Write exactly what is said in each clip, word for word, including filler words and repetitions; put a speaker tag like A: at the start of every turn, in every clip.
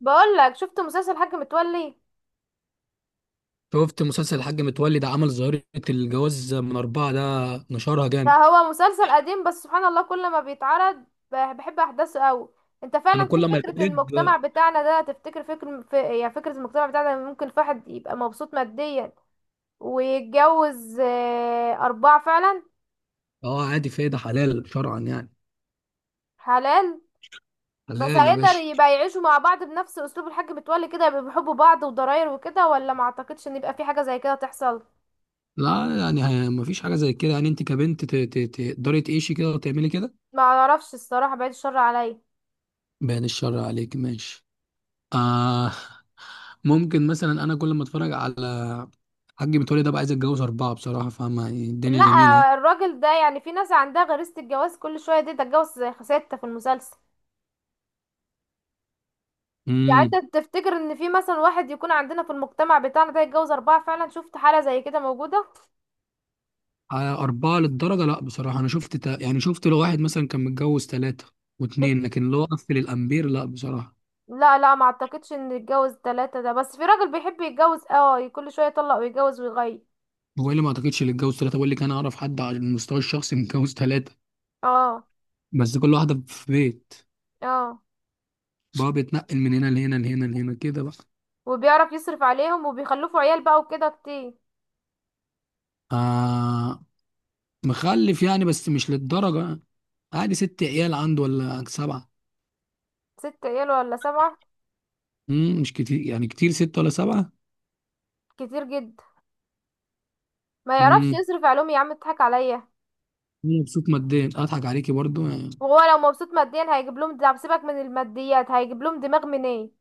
A: بقول لك شفت مسلسل الحاج متولي.
B: شفت مسلسل الحاج متولي ده عمل ظاهرة. الجواز من أربعة ده نشرها
A: ده
B: جامد.
A: هو مسلسل قديم، بس سبحان الله كل ما بيتعرض بح- بحب احداثه قوي. انت
B: أنا
A: فعلا، في
B: كل ما
A: فكرة
B: يتولد.
A: المجتمع بتاعنا ده تفتكر؟ فكر في، يعني فكرة المجتمع بتاعنا ممكن في واحد يبقى مبسوط ماديا ويتجوز آه، أربعة فعلا؟
B: أه، عادي، في إيه؟ ده حلال شرعا يعني.
A: حلال. بس
B: حلال يا
A: هيقدر
B: باشا.
A: يبقى يعيشوا مع بعض بنفس أسلوب الحاج متولي كده، يبقى بيحبوا بعض وضراير وكده؟ ولا ما اعتقدش ان يبقى في حاجة زي كده تحصل؟
B: لا يعني ه- مفيش حاجة زي كده. يعني أنت كبنت ت- ت- تقدري تعيشي كده وتعملي كده؟
A: ما اعرفش الصراحة، بعيد الشر عليا.
B: بيان الشر عليك ماشي. آه. ممكن مثلا أنا كل ما أتفرج على حاج متولي ده بقى عايز أتجوز أربعة بصراحة، فاهمة؟ يعني الدنيا
A: لا،
B: جميلة.
A: الراجل ده، يعني في ناس عندها غريزة الجواز كل شوية دي تتجوز. ستة في المسلسل. يعني
B: أهي.
A: انت تفتكر ان في مثلا واحد يكون عندنا في المجتمع بتاعنا ده يتجوز اربعة فعلا؟ شفت حالة زي كده موجودة؟
B: على أربعة للدرجة؟ لا بصراحة، أنا شفت تا... يعني شفت لو واحد مثلا كان متجوز ثلاثة
A: ات-
B: واتنين، لكن لو قفل الأمبير لا بصراحة.
A: لا، لا ما اعتقدش ان يتجوز تلاتة ده. بس في راجل بيحب يتجوز اه كل شوية يطلق ويتجوز ويغير.
B: هو إيه اللي ما أعتقدش؟ اللي اتجوز ثلاثة، بقول لك أنا أعرف حد على المستوى الشخصي متجوز ثلاثة،
A: اه.
B: بس كل واحدة في بيت.
A: اه.
B: بقى بيتنقل من هنا لهنا لهنا لهنا كده بقى.
A: وبيعرف يصرف عليهم وبيخلفوا عيال بقى وكده كتير.
B: آه، مخلف يعني، بس مش للدرجة يعني. عادي ست عيال عنده ولا سبعة.
A: ست عيال ولا سبعة؟
B: مم مش كتير يعني، كتير ست ولا سبعة.
A: كتير جدا. ما يعرفش
B: مم
A: يصرف عليهم يا عم، اضحك عليا.
B: مبسوط ماديا. أضحك عليكي برضو يعني.
A: وهو لو مبسوط ماديا هيجيب لهم دعم؟ سيبك من الماديات، هيجيب لهم دماغ منين؟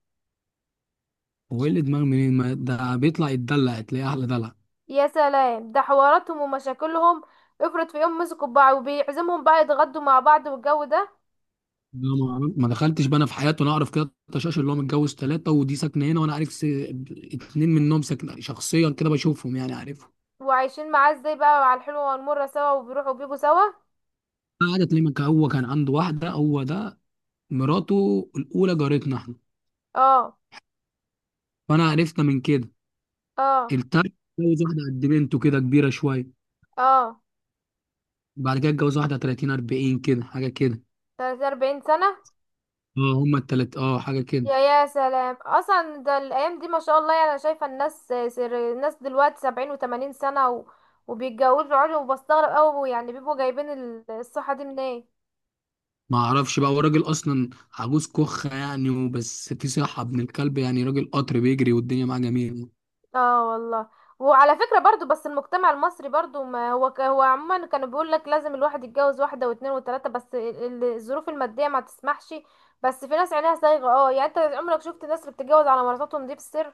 B: هو إيه اللي دماغ منين؟ ما ده بيطلع يتدلع، تلاقيه أحلى دلع.
A: يا سلام، ده حواراتهم ومشاكلهم. افرض في يوم مسكوا بعض وبيعزمهم بقى يتغدوا مع بعض والجو ده.
B: لا، ما ما دخلتش بقى انا في حياته. انا اعرف كده تشاش اللي هو متجوز ثلاثه، ودي ساكنه هنا، وانا عارف س... اتنين منهم ساكنه شخصيا، كده بشوفهم يعني، عارفهم.
A: وعايشين معاه ازاي بقى؟ على الحلوة والمرة سوا وبيروحوا وبيجوا سوا.
B: قعدت ليه مك- هو كان عنده واحده، هو ده مراته الاولى جارتنا احنا،
A: اه.
B: فانا عرفنا من كده.
A: اه.
B: التالت اتجوز واحده قد بنته كده، كبيره شويه.
A: اه.
B: بعد كده اتجوز واحده تلاتين أربعين كده، حاجه كده.
A: تلاتة أربعين سنة.
B: اه هما التلات اه حاجه كده.
A: يا يا سلام، اصلا ده الايام دي ما شاء الله، يعني انا شايفة الناس، سر الناس دلوقتي سبعين وتمانين سنة و... وبيتجوزوا عادي، وبستغرب اوي، يعني بيبقوا جايبين ال- الصحة دي منين؟
B: ما اعرفش بقى، هو راجل اصلا عجوز كخه يعني، وبس في صحه ابن الكلب يعني، راجل قطر بيجري والدنيا معاه جميله.
A: اه والله. وعلى فكرة برضو، بس المجتمع المصري برضو، ما هو ك- هو عموما كانوا بيقول لك لازم الواحد يتجوز واحدة واثنين وثلاثة، بس ال- ال- الظروف المادية ما تسمحش. بس في ناس عينيها صايغة، اه يعني انت عمرك شفت الناس اللي بتتجوز على مراتاتهم دي بالسر؟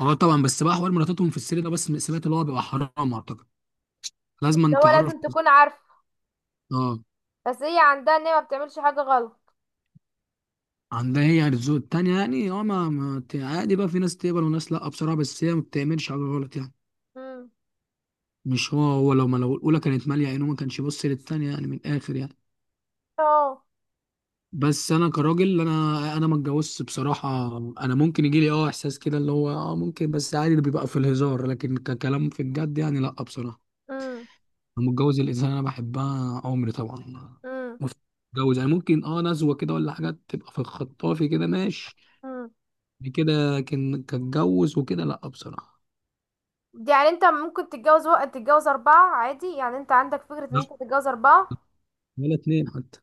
B: اه طبعا. بس بقى حوار مراتاتهم في السر ده، بس سمعت اللي هو بيبقى حرام اعتقد. لازم
A: اللي
B: انت
A: هو
B: تعرف.
A: لازم تكون عارف.
B: اه.
A: بس هي عندها ان هي ما بتعملش حاجة غلط.
B: عندها هي الذوق التانية يعني. اه، ما, ما ت- عادي بقى، في ناس تقبل وناس لا بصراحة، بس هي ما بتعملش حاجة غلط يعني.
A: امم.
B: مش هو هو لو ما لو الأولى كانت مالية عينه، ما كانش يبص للتانية يعني، من الآخر يعني.
A: اه.
B: بس أنا كراجل، أنا أنا ما اتجوزتش بصراحة. أنا ممكن يجي لي اه إحساس كده، اللي هو اه ممكن، بس عادي اللي بيبقى في الهزار، لكن ككلام في الجد يعني لا بصراحة.
A: امم.
B: انا متجوز الانسان اللي انا بحبها عمري طبعا.
A: امم.
B: متجوز يعني ممكن اه نزوه كده ولا حاجات تبقى في الخطافي كده، ماشي.
A: امم.
B: يعني كده كان كاتجوز وكده لا بصراحه.
A: يعني انت ممكن تتجوز، وقت تتجوز أربعة عادي؟ يعني انت عندك فكرة ان
B: لا،
A: انت تتجوز أربعة؟
B: ولا اتنين حتى.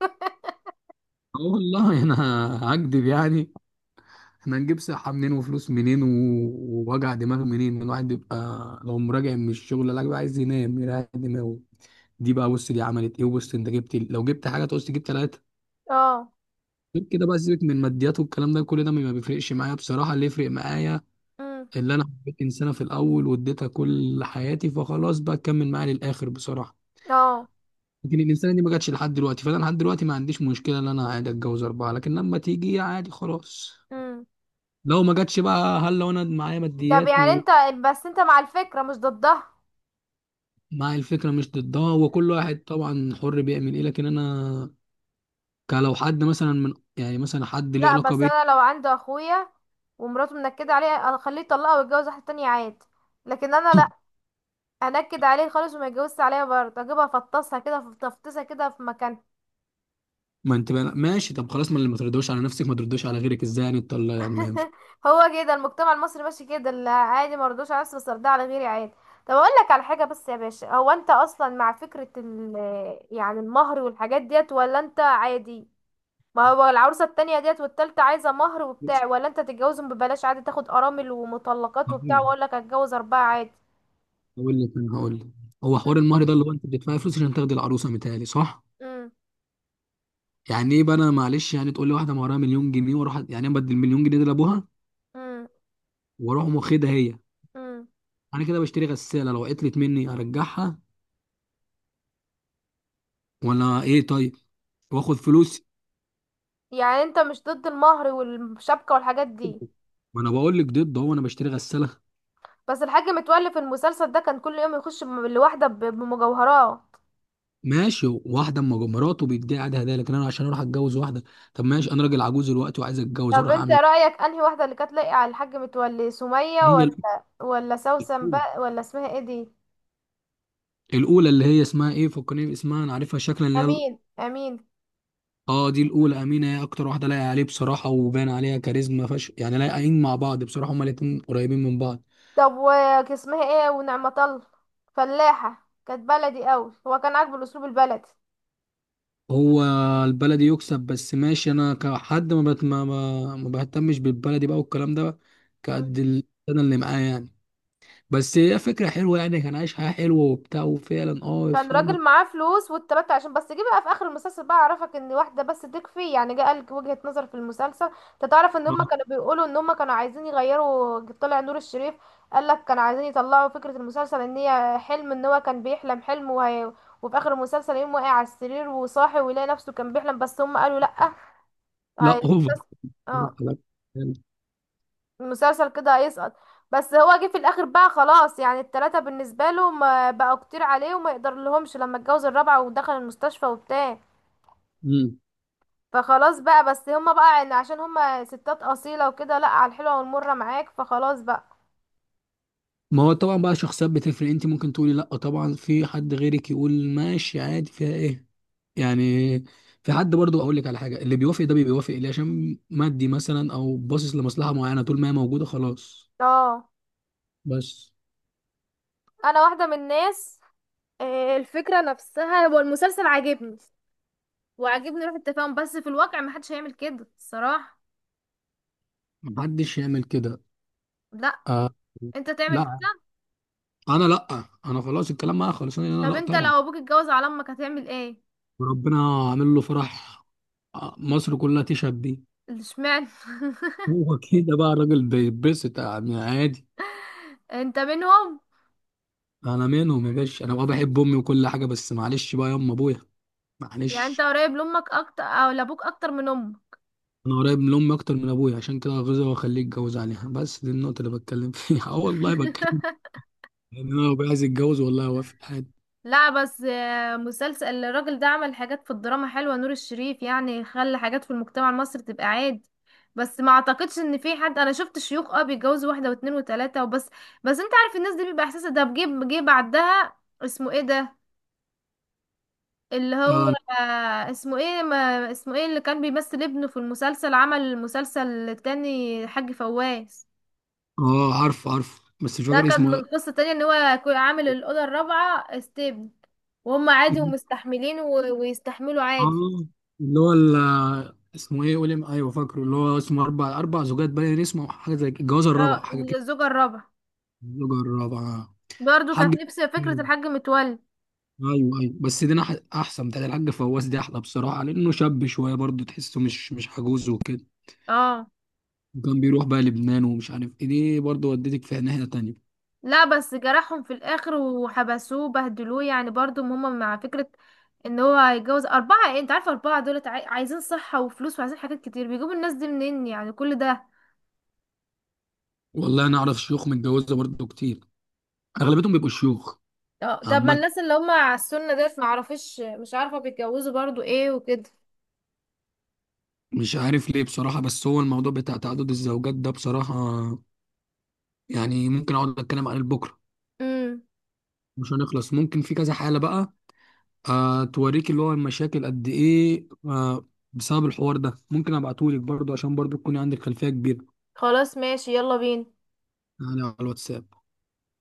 B: اه والله انا هكدب يعني. احنا هنجيب صحه منين وفلوس منين و- ووجع دماغ منين؟ الواحد بيبقى لو مراجع من الشغل لا، بيبقى عايز ينام يريح دماغه. دي بقى، بص، دي عملت ايه، وبص انت جبت ال- لو جبت حاجه تقص، تجيب ثلاثه
A: اه.
B: غير كده بقى. سيبك من الماديات والكلام ده، كل ده ما بيفرقش معايا بصراحه. اللي يفرق معايا،
A: امم.
B: اللي انا حبيت انسانه في الاول واديتها كل حياتي، فخلاص بقى تكمل معايا للاخر بصراحه.
A: اه.
B: لكن الانسانه دي ما جاتش لحد دلوقتي، فانا لحد دلوقتي ما عنديش مشكله ان انا عادي اتجوز اربعه، لكن لما تيجي عادي خلاص.
A: امم.
B: لو ما جاتش بقى، هل لو انا معايا
A: طب
B: ماديات
A: يعني انت، بس انت مع الفكرة مش ضدها؟
B: ومعايا الفكره مش ضدها؟ وكل واحد طبعا حر بيعمل ايه، لكن انا كلو حد مثلا من، يعني مثلا حد ليه
A: لا،
B: علاقه
A: بس
B: بيا.
A: انا لو عندي اخويا ومراته منكدة عليه اخليه يطلقها ويتجوز واحدة تانية عادي. لكن انا لا، انكد عليه خالص، وما يتجوزش عليا برضه، اجيبها افطسها كده في، تفطيسها كده في مكان.
B: ما انت بقى ماشي، طب خلاص، ما اللي ما تردوش على نفسك ما تردوش على غيرك، ازاي يعني انت يعني؟ ما
A: هو كده المجتمع المصري ماشي كده، اللي عادي، ما رضوش على نفسي بس ارضى على غيري عادي. طب اقول لك على حاجة بس يا باشا، هو انت اصلا مع فكرة ال يعني المهر والحاجات ديت، ولا انت عادي؟ ما هو العروسة التانية ديت والتالتة عايزة مهر وبتاع، ولا انت تتجوزهم ببلاش عادي؟ تاخد ارامل ومطلقات وبتاع،
B: ينفعش.
A: واقول لك هتجوز اربعة عادي.
B: هقول لك، انا هقول لك. هو حوار
A: مم.
B: المهر ده، اللي هو انت بتدفعي فلوس عشان تاخدي العروسه، متهيألي صح؟
A: امم.
B: يعني ايه بقى؟ انا معلش يعني، تقول لي واحده مهرها مليون جنيه واروح أ- يعني انا بدي المليون جنيه دي لابوها
A: امم.
B: واروح أقوم واخدها هي.
A: امم.
B: انا كده بشتري غساله، لو عطلت مني ارجعها ولا ايه، طيب؟ واخد فلوس.
A: يعني انت مش ضد المهر والشبكة والحاجات دي؟
B: ما انا بقول لك ضد، هو انا بشتري غساله؟
A: بس الحاج متولي في المسلسل ده كان كل يوم يخش بم- لواحدة ب- بمجوهرات.
B: ماشي، واحده اما جو- مراته بيديها عادي هدايا، لكن انا عشان اروح اتجوز واحده. طب ماشي، انا راجل عجوز دلوقتي وعايز اتجوز،
A: طب
B: اروح
A: انت
B: اعمل إيه؟
A: رأيك انهي واحدة اللي كانت لايقة على الحاج متولي، سمية
B: هي ال-
A: ولا ولا سوسن بقى، ولا اسمها ايه دي؟
B: الاولى اللي هي اسمها ايه؟ فكرني اسمها، انا عارفها شكلا، اللي هي.
A: امين، امين.
B: اه دي الاولى، امينه، هي اكتر واحده لايقه عليه بصراحه، وبان عليها كاريزما، فش يعني، لايقين مع بعض بصراحه، هما الاتنين قريبين من بعض.
A: طب وك- اسمها ايه، ونعمة الله، فلاحة كانت بلدي قوي، هو كان عاجبه الاسلوب البلدي.
B: هو البلدي يكسب، بس ماشي، انا كحد ما بت... ما, ما ما بهتمش بالبلدي بقى والكلام ده.
A: مم.
B: كقد ال- انا اللي معاه يعني. بس هي فكره حلوه يعني، كان عايش حياه حلوه وبتاع، وفعلا اه
A: كان
B: يفهمك.
A: راجل معاه فلوس والتلاتة، عشان بس جه بقى في اخر المسلسل بقى عرفك ان واحدة بس تكفي. يعني جه قالك وجهة نظر في المسلسل، انت تعرف ان هما كانوا بيقولوا ان هما كانوا عايزين يغيروا طلع نور الشريف. قالك كانوا عايزين يطلعوا فكرة المسلسل ان هي حلم، ان هو كان بيحلم حلم وهي، وفي اخر المسلسل يقوم واقع على السرير وصاحي ويلاقي نفسه كان بيحلم. بس هم قالوا لا.
B: لا
A: هي
B: اوفر، بصراحه
A: اه.
B: لا.
A: المسلسل كده هيسقط. بس هو جه في الاخر بقى خلاص، يعني التلاتة بالنسبة له ما بقوا كتير عليه وما يقدر لهمش، لما اتجوز الرابعة ودخل المستشفى وبتاع.
B: مم.
A: فخلاص بقى، بس هما بقى عن- عشان هما ستات اصيلة وكده، لا على الحلوة والمرة معاك، فخلاص بقى.
B: ما هو طبعا بقى، شخصيات بتفرق، انت ممكن تقولي لا طبعا، في حد غيرك يقول ماشي عادي، فيها ايه يعني؟ في حد برضو اقول لك على حاجه، اللي بيوافق ده بيوافق ليه؟ عشان مادي مثلا، او باصص لمصلحه معينه، طول ما هي موجوده خلاص.
A: اه.
B: بس
A: انا واحدة من الناس. آه، الفكرة نفسها، هو المسلسل عاجبني، وعاجبني روح التفاهم. بس في الواقع محدش هيعمل كده الصراحة.
B: محدش يعمل كده.
A: لا.
B: آه.
A: انت تعمل
B: لا،
A: كده؟
B: انا لا. انا خلاص الكلام معايا خلاص، انا
A: طب
B: لا
A: انت
B: طبعا.
A: لو ابوك اتجوز على امك هتعمل ايه؟
B: وربنا عامل له فرح. آه، مصر كلها تشهد بيه.
A: اشمعنى؟
B: هو كده بقى الراجل بيتبسط يعني، عادي.
A: انت منهم؟
B: انا منهم يا باشا، انا بقى بحب امي وكل حاجه، بس معلش بقى يا ام ابويا،
A: يعني انت
B: معلش.
A: قريب لامك اكتر او لابوك اكتر من امك؟
B: انا قريب من امي اكتر من ابويا، عشان كده غزة واخليه يتجوز عليها، بس دي النقطه اللي بتكلم فيها اه والله بتكلم، ان انا ابويا عايز يتجوز، والله وافق عادي.
A: لا، بس آه، مسلسل الراجل ده عمل حاجات في الدراما حلوة، نور الشريف يعني خلى حاجات في المجتمع المصري تبقى عادي. بس ما اعتقدش ان في حد. انا شفت شيوخ اه بيتجوزوا واحدة واتنين وتلاتة وبس. بس انت عارف الناس دي بيبقى احساسها ده بجيب. جه بعدها اسمه ايه ده، اللي هو
B: اه.
A: آه، اسمه ايه، ما اسمه ايه اللي كان بيمثل ابنه في المسلسل، عمل المسلسل التاني، حاج فواز.
B: اه عارف عارف، بس مش
A: ده
B: فاكر
A: كان
B: اسمه
A: من قصة تانية ان هو كو- عامل الأوضة الرابعة ستيب، وهم عادي
B: إيه.
A: ومستحملين و... ويستحملوا عادي.
B: اه اللي هو ال- اسمه ايه؟ قولي، ايوه فاكره، اللي هو اسمه اربع اربع زوجات، باين اسمه، أو حاجه زي كده، الجواز
A: اه.
B: الرابع حاجه كده.
A: الزوجة الرابعة
B: الزوجه الرابعه.
A: برضو
B: حاج.
A: كانت نفس فكرة
B: مم.
A: الحاج متولي.
B: ايوه ايوه، بس دي أنا أح- احسن بتاعت الحاج فواز دي احلى بصراحه، لانه شاب شويه برضه تحسه مش مش عجوز وكده.
A: اه.
B: وكان بيروح بقى لبنان ومش عارف ايه دي، برضه ودتك في ناحية تانية.
A: لا، بس جرحهم في الآخر وحبسوه بهدلوه، يعني برضو هما مع فكرة ان هو هيتجوز أربعة. ايه انت عارفة، أربعة دولت عاي... عايزين صحة وفلوس، وعايزين حاجات كتير، بيجيبوا الناس دي منين يعني كل ده؟
B: والله انا اعرف شيوخ متجوزة برضه كتير، اغلبيتهم بيبقوا شيوخ.
A: اه. طب ما
B: عامة
A: الناس اللي هما على السنة ديت، معرفش، مش عارفة بيتجوزوا برضو ايه وكده.
B: مش عارف ليه بصراحة، بس هو الموضوع بتاع تعدد الزوجات ده بصراحة، يعني ممكن اقعد اتكلم عن بكرة،
A: مم.
B: مش هنخلص، ممكن في كذا حالة بقى. آه، توريك اللي هو المشاكل قد ايه آه بسبب الحوار ده، ممكن ابعتهولك برضه عشان برضه تكوني عندك خلفية كبيرة.
A: خلاص ماشي، يلا بينا.
B: يعني على الواتساب.